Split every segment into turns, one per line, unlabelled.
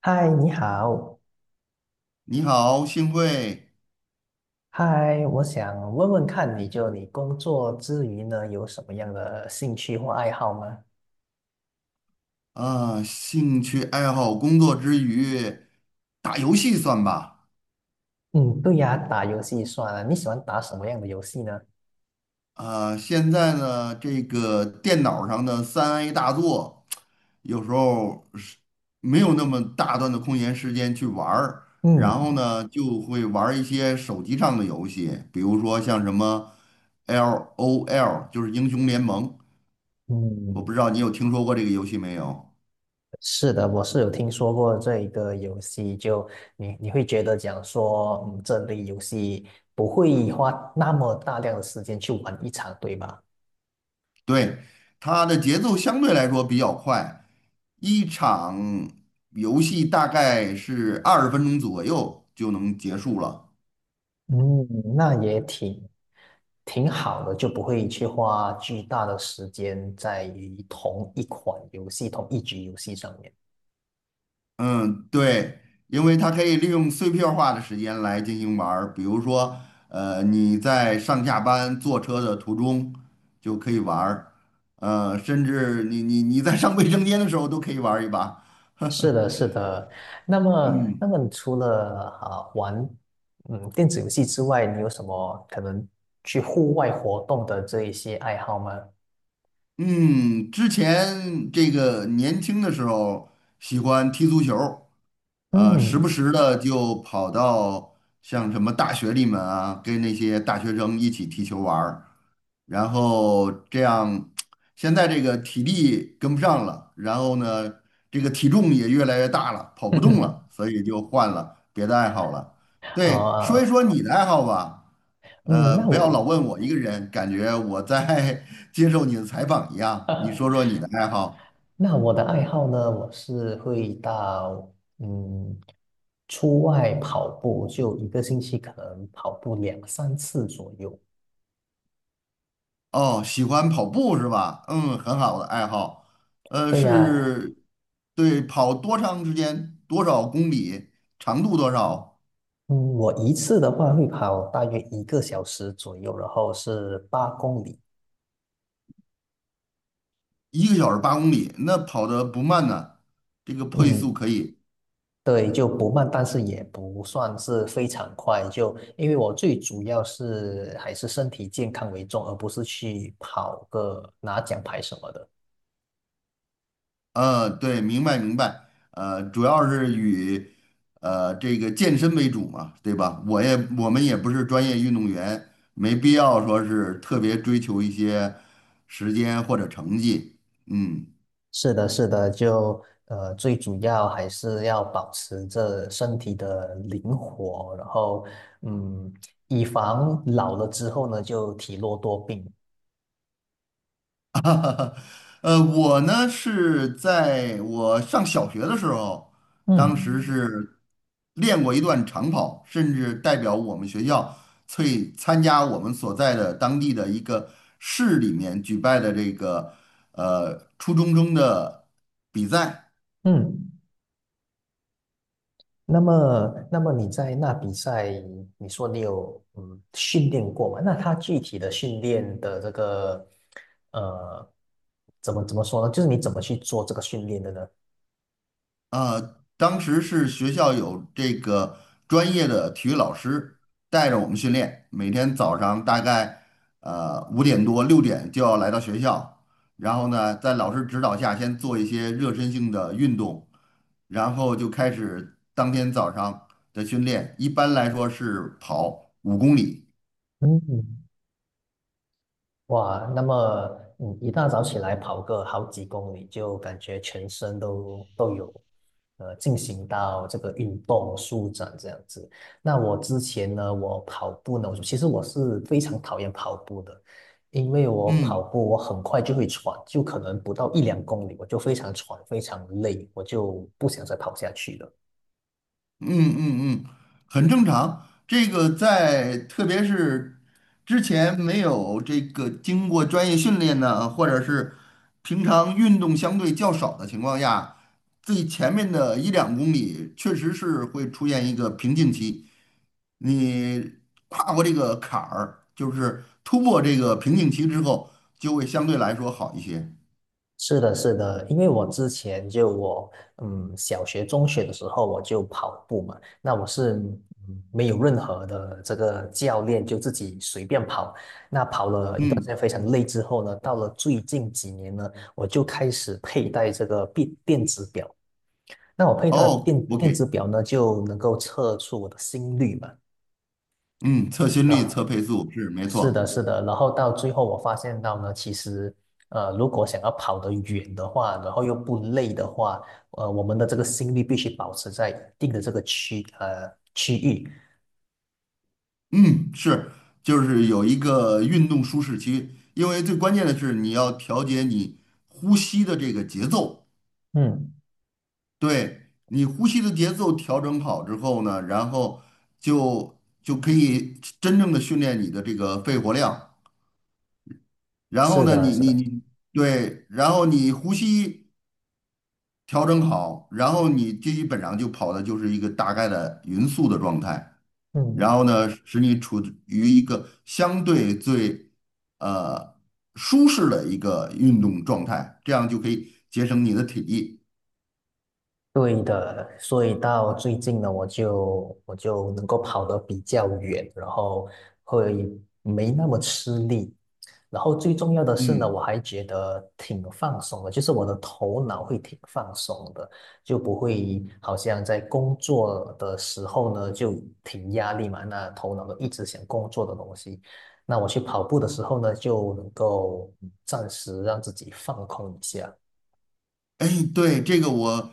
嗨，你好。
你好，幸会
嗨，我想问问看你，就你工作之余呢，有什么样的兴趣或爱好吗？
啊，兴趣爱好，工作之余打游戏算吧。
嗯，对呀，打游戏算了。你喜欢打什么样的游戏呢？
啊，现在呢，这个电脑上的3A 大作，有时候是没有那么大段的空闲时间去玩儿，然后
嗯
呢，就会玩儿一些手机上的游戏，比如说像什么 LOL，就是英雄联盟，
嗯，
我不知道你有听说过这个游戏没有？
是的，我是有听说过这一个游戏，就你会觉得讲说，这类游戏不会花那么大量的时间去玩一场，对吧？
对，它的节奏相对来说比较快，一场游戏大概是20 分钟左右就能结束了。
嗯，那也挺好的，就不会去花巨大的时间在于同一款游戏、同一局游戏上面。
嗯，对，因为它可以利用碎片化的时间来进行玩儿，比如说，你在上下班坐车的途中就可以玩儿，甚至你在上卫生间的时候都可以玩儿一把。
是 的，是的。那么，那
嗯
么你除了玩电子游戏之外，你有什么可能去户外活动的这一些爱好吗？
嗯，之前这个年轻的时候喜欢踢足球，时
嗯，
不时的就跑到像什么大学里面啊，跟那些大学生一起踢球玩儿，然后这样，现在这个体力跟不上了，然后呢，这个体重也越来越大了，跑不动了，所以就换了别的爱好了。对，说一
呃，
说你的爱好吧，
嗯，那
不要老
我
问我一个人，感觉我在 接受你的采访一样，你说说 你的爱好。
那我的爱好呢，我是会到嗯出外跑步，就一个星期可能跑步两三次左右。
哦，喜欢跑步是吧？嗯，很好的爱好。
对呀，
是，对，跑多长时间？多少公里？长度多少？
嗯，我一次的话会跑大约一个小时左右，然后是8公里。
1 个小时 8 公里，那跑的不慢呢，这个配
嗯，
速可以。
对，就不慢，但是也不算是非常快。就因为我最主要是还是身体健康为重，而不是去跑个拿奖牌什么的。
对，明白明白。主要是以这个健身为主嘛，对吧？我们也不是专业运动员，没必要说是特别追求一些时间或者成绩。嗯。
是的，是的，就最主要还是要保持着身体的灵活，然后嗯，以防老了之后呢，就体弱多病。
我呢是在我上小学的时候，当时
嗯
是练过一段长跑，甚至代表我们学校去参加我们所在的当地的一个市里面举办的这个初中生的比赛。
嗯，那么你在那比赛，你说你有训练过吗？那他具体的训练的这个呃，怎么说呢？就是你怎么去做这个训练的呢？
当时是学校有这个专业的体育老师带着我们训练，每天早上大概5 点多 6 点就要来到学校，然后呢，在老师指导下先做一些热身性的运动，然后就开始当天早上的训练。一般来说是跑5 公里，
嗯哇，那么你一大早起来跑个好几公里，就感觉全身都有，进行到这个运动舒展这样子。那我之前呢，我跑步呢，我其实我是非常讨厌跑步的，因为我跑
嗯，
步我很快就会喘，就可能不到一两公里，我就非常喘，非常累，我就不想再跑下去了。
嗯嗯嗯，很正常。这个在特别是之前没有这个经过专业训练呢，或者是平常运动相对较少的情况下，最前面的一两公里确实是会出现一个瓶颈期。你跨过这个坎儿，就是突破这个瓶颈期之后，就会相对来说好一些。
是的，是的，因为我之前就我，小学、中学的时候我就跑步嘛，那我是没有任何的这个教练，就自己随便跑。那跑了一段时间
嗯，
非常累之后呢，到了最近几年呢，我就开始佩戴这个电子表。那我佩戴
哦
电子
，OK，
表呢，就能够测出我的心率嘛。
嗯，测心率、
啊。
测配速是没
是
错。
的，是的，然后到最后我发现到呢，其实，如果想要跑得远的话，然后又不累的话，我们的这个心率必须保持在一定的这个区域。
嗯，是，就是有一个运动舒适区，因为最关键的是你要调节你呼吸的这个节奏，
嗯，
对，你呼吸的节奏调整好之后呢，然后就就可以真正的训练你的这个肺活量，然后
是
呢，
的，
你
是
你
的，
你对，然后你呼吸。调整好，然后你基本上就跑的就是一个大概的匀速的状态，
嗯，
然后呢，使你处于一个相对最呃舒适的一个运动状态，这样就可以节省你的体力。
对的。所以到最近呢，我就能够跑得比较远，然后会没那么吃力。然后最重要的是呢，我
嗯。
还觉得挺放松的，就是我的头脑会挺放松的，就不会好像在工作的时候呢就挺压力嘛，那头脑都一直想工作的东西。那我去跑步的时候呢，就能够暂时让自己放空一下。
哎，对，这个我，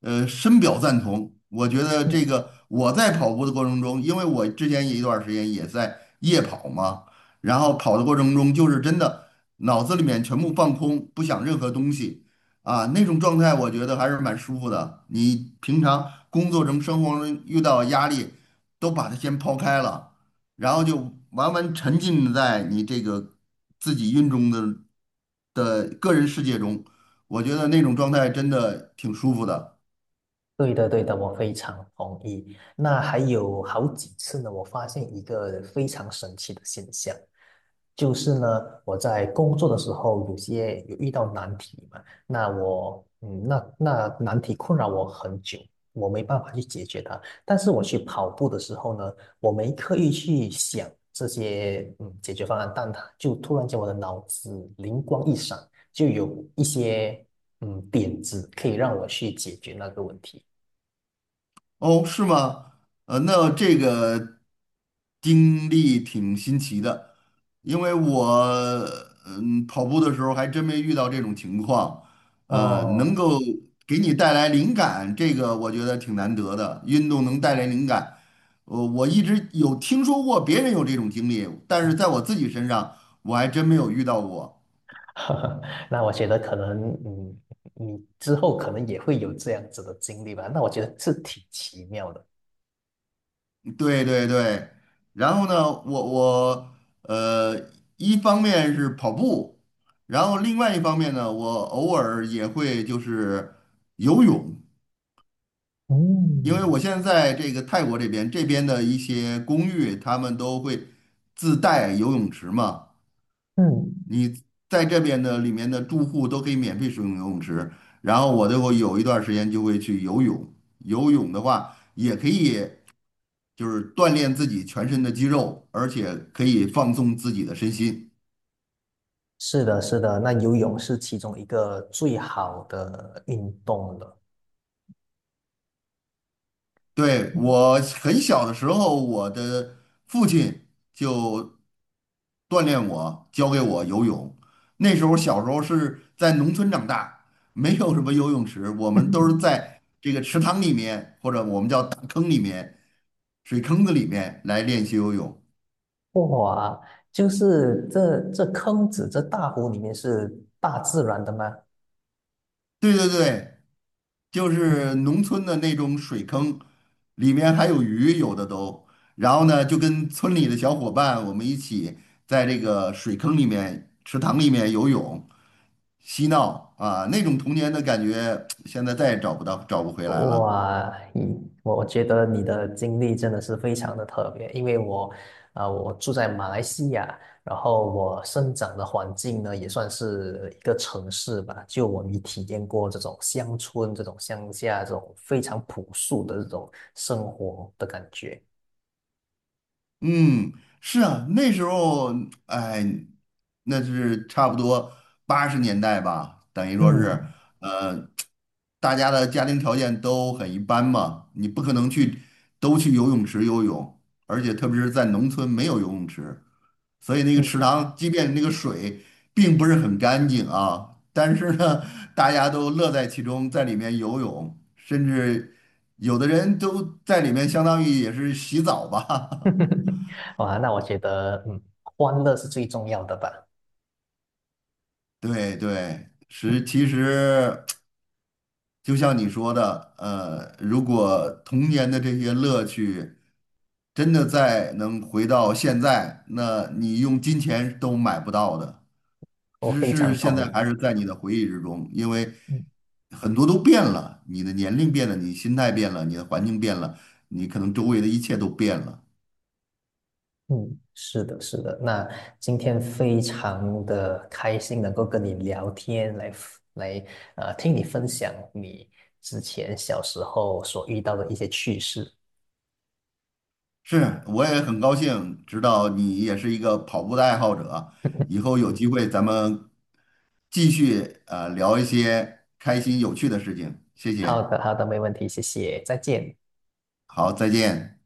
深表赞同。我觉得这
嗯
个我在跑步的过程中，因为我之前有一段儿时间也在夜跑嘛，然后跑的过程中就是真的脑子里面全部放空，不想任何东西啊，那种状态我觉得还是蛮舒服的。你平常工作中、生活中遇到压力，都把它先抛开了，然后就完沉浸在你这个自己运动的个人世界中。我觉得那种状态真的挺舒服的。
对的，对的，我非常同意。那还有好几次呢，我发现一个非常神奇的现象，就是呢，我在工作的时候有些有遇到难题嘛，那我那难题困扰我很久，我没办法去解决它。但是我去跑步的时候呢，我没刻意去想这些解决方案，但它就突然间我的脑子灵光一闪，就有一些点子可以让我去解决那个问题。
哦，是吗？那这个经历挺新奇的，因为我跑步的时候还真没遇到这种情况。能
哦，
够给你带来灵感，这个我觉得挺难得的。运动能带来灵感，我一直有听说过别人有这种经历，但是在我自己身上我还真没有遇到过。
那我觉得可能，你之后可能也会有这样子的经历吧。那我觉得是挺奇妙的。
对对对，然后呢，我呃，一方面是跑步，然后另外一方面呢，我偶尔也会就是游泳，因为
嗯
我现在在这个泰国这边，这边的一些公寓他们都会自带游泳池嘛，
嗯，
你在这边的里面的住户都可以免费使用游泳池，然后我就会有一段时间就会去游泳，游泳的话也可以。就是锻炼自己全身的肌肉，而且可以放松自己的身心。
是的，是的，那游泳是其中一个最好的运动了。
对，我很小的时候，我的父亲就锻炼我，教给我游泳。那时候小时候是在农村长大，没有什么游泳池，我们都是 在这个池塘里面，或者我们叫大坑里面、水坑子里面来练习游泳。
哇，就是这坑子这大湖里面是大自然的吗？
对对对，就是
嗯。
农村的那种水坑，里面还有鱼，有的都。然后呢，就跟村里的小伙伴，我们一起在这个水坑里面、池塘里面游泳、嬉闹啊，那种童年的感觉，现在再也找不到，找不回来了。
哇，我觉得你的经历真的是非常的特别，因为我住在马来西亚，然后我生长的环境呢，也算是一个城市吧，就我没体验过这种乡村、这种乡下、这种非常朴素的这种生活的感觉。
嗯，是啊，那时候，哎，那是差不多80 年代吧，等于说是，
嗯
呃，大家的家庭条件都很一般嘛，你不可能去都去游泳池游泳，而且特别是在农村没有游泳池，所以那个
嗯，
池塘，即便那个水并不是很干净啊，但是呢，大家都乐在其中，在里面游泳，甚至有的人都在里面相当于也是洗澡吧。
哇，那我觉得，欢乐是最重要的吧，
对对，
嗯，
是其实就像你说的，如果童年的这些乐趣真的再能回到现在，那你用金钱都买不到的，
我
只
非
是
常
现
同
在
意。
还是在你的回忆之中，因为很多都变了，你的年龄变了，你心态变了，你的环境变了，你可能周围的一切都变了。
嗯，是的，是的。那今天非常的开心，能够跟你聊天，来听你分享你之前小时候所遇到的一些趣事。
是，我也很高兴知道你也是一个跑步的爱好者。以 后有机会咱们继续聊一些开心有趣的事情。谢
好
谢，
的，好的，没问题，谢谢，再见。
好，再见。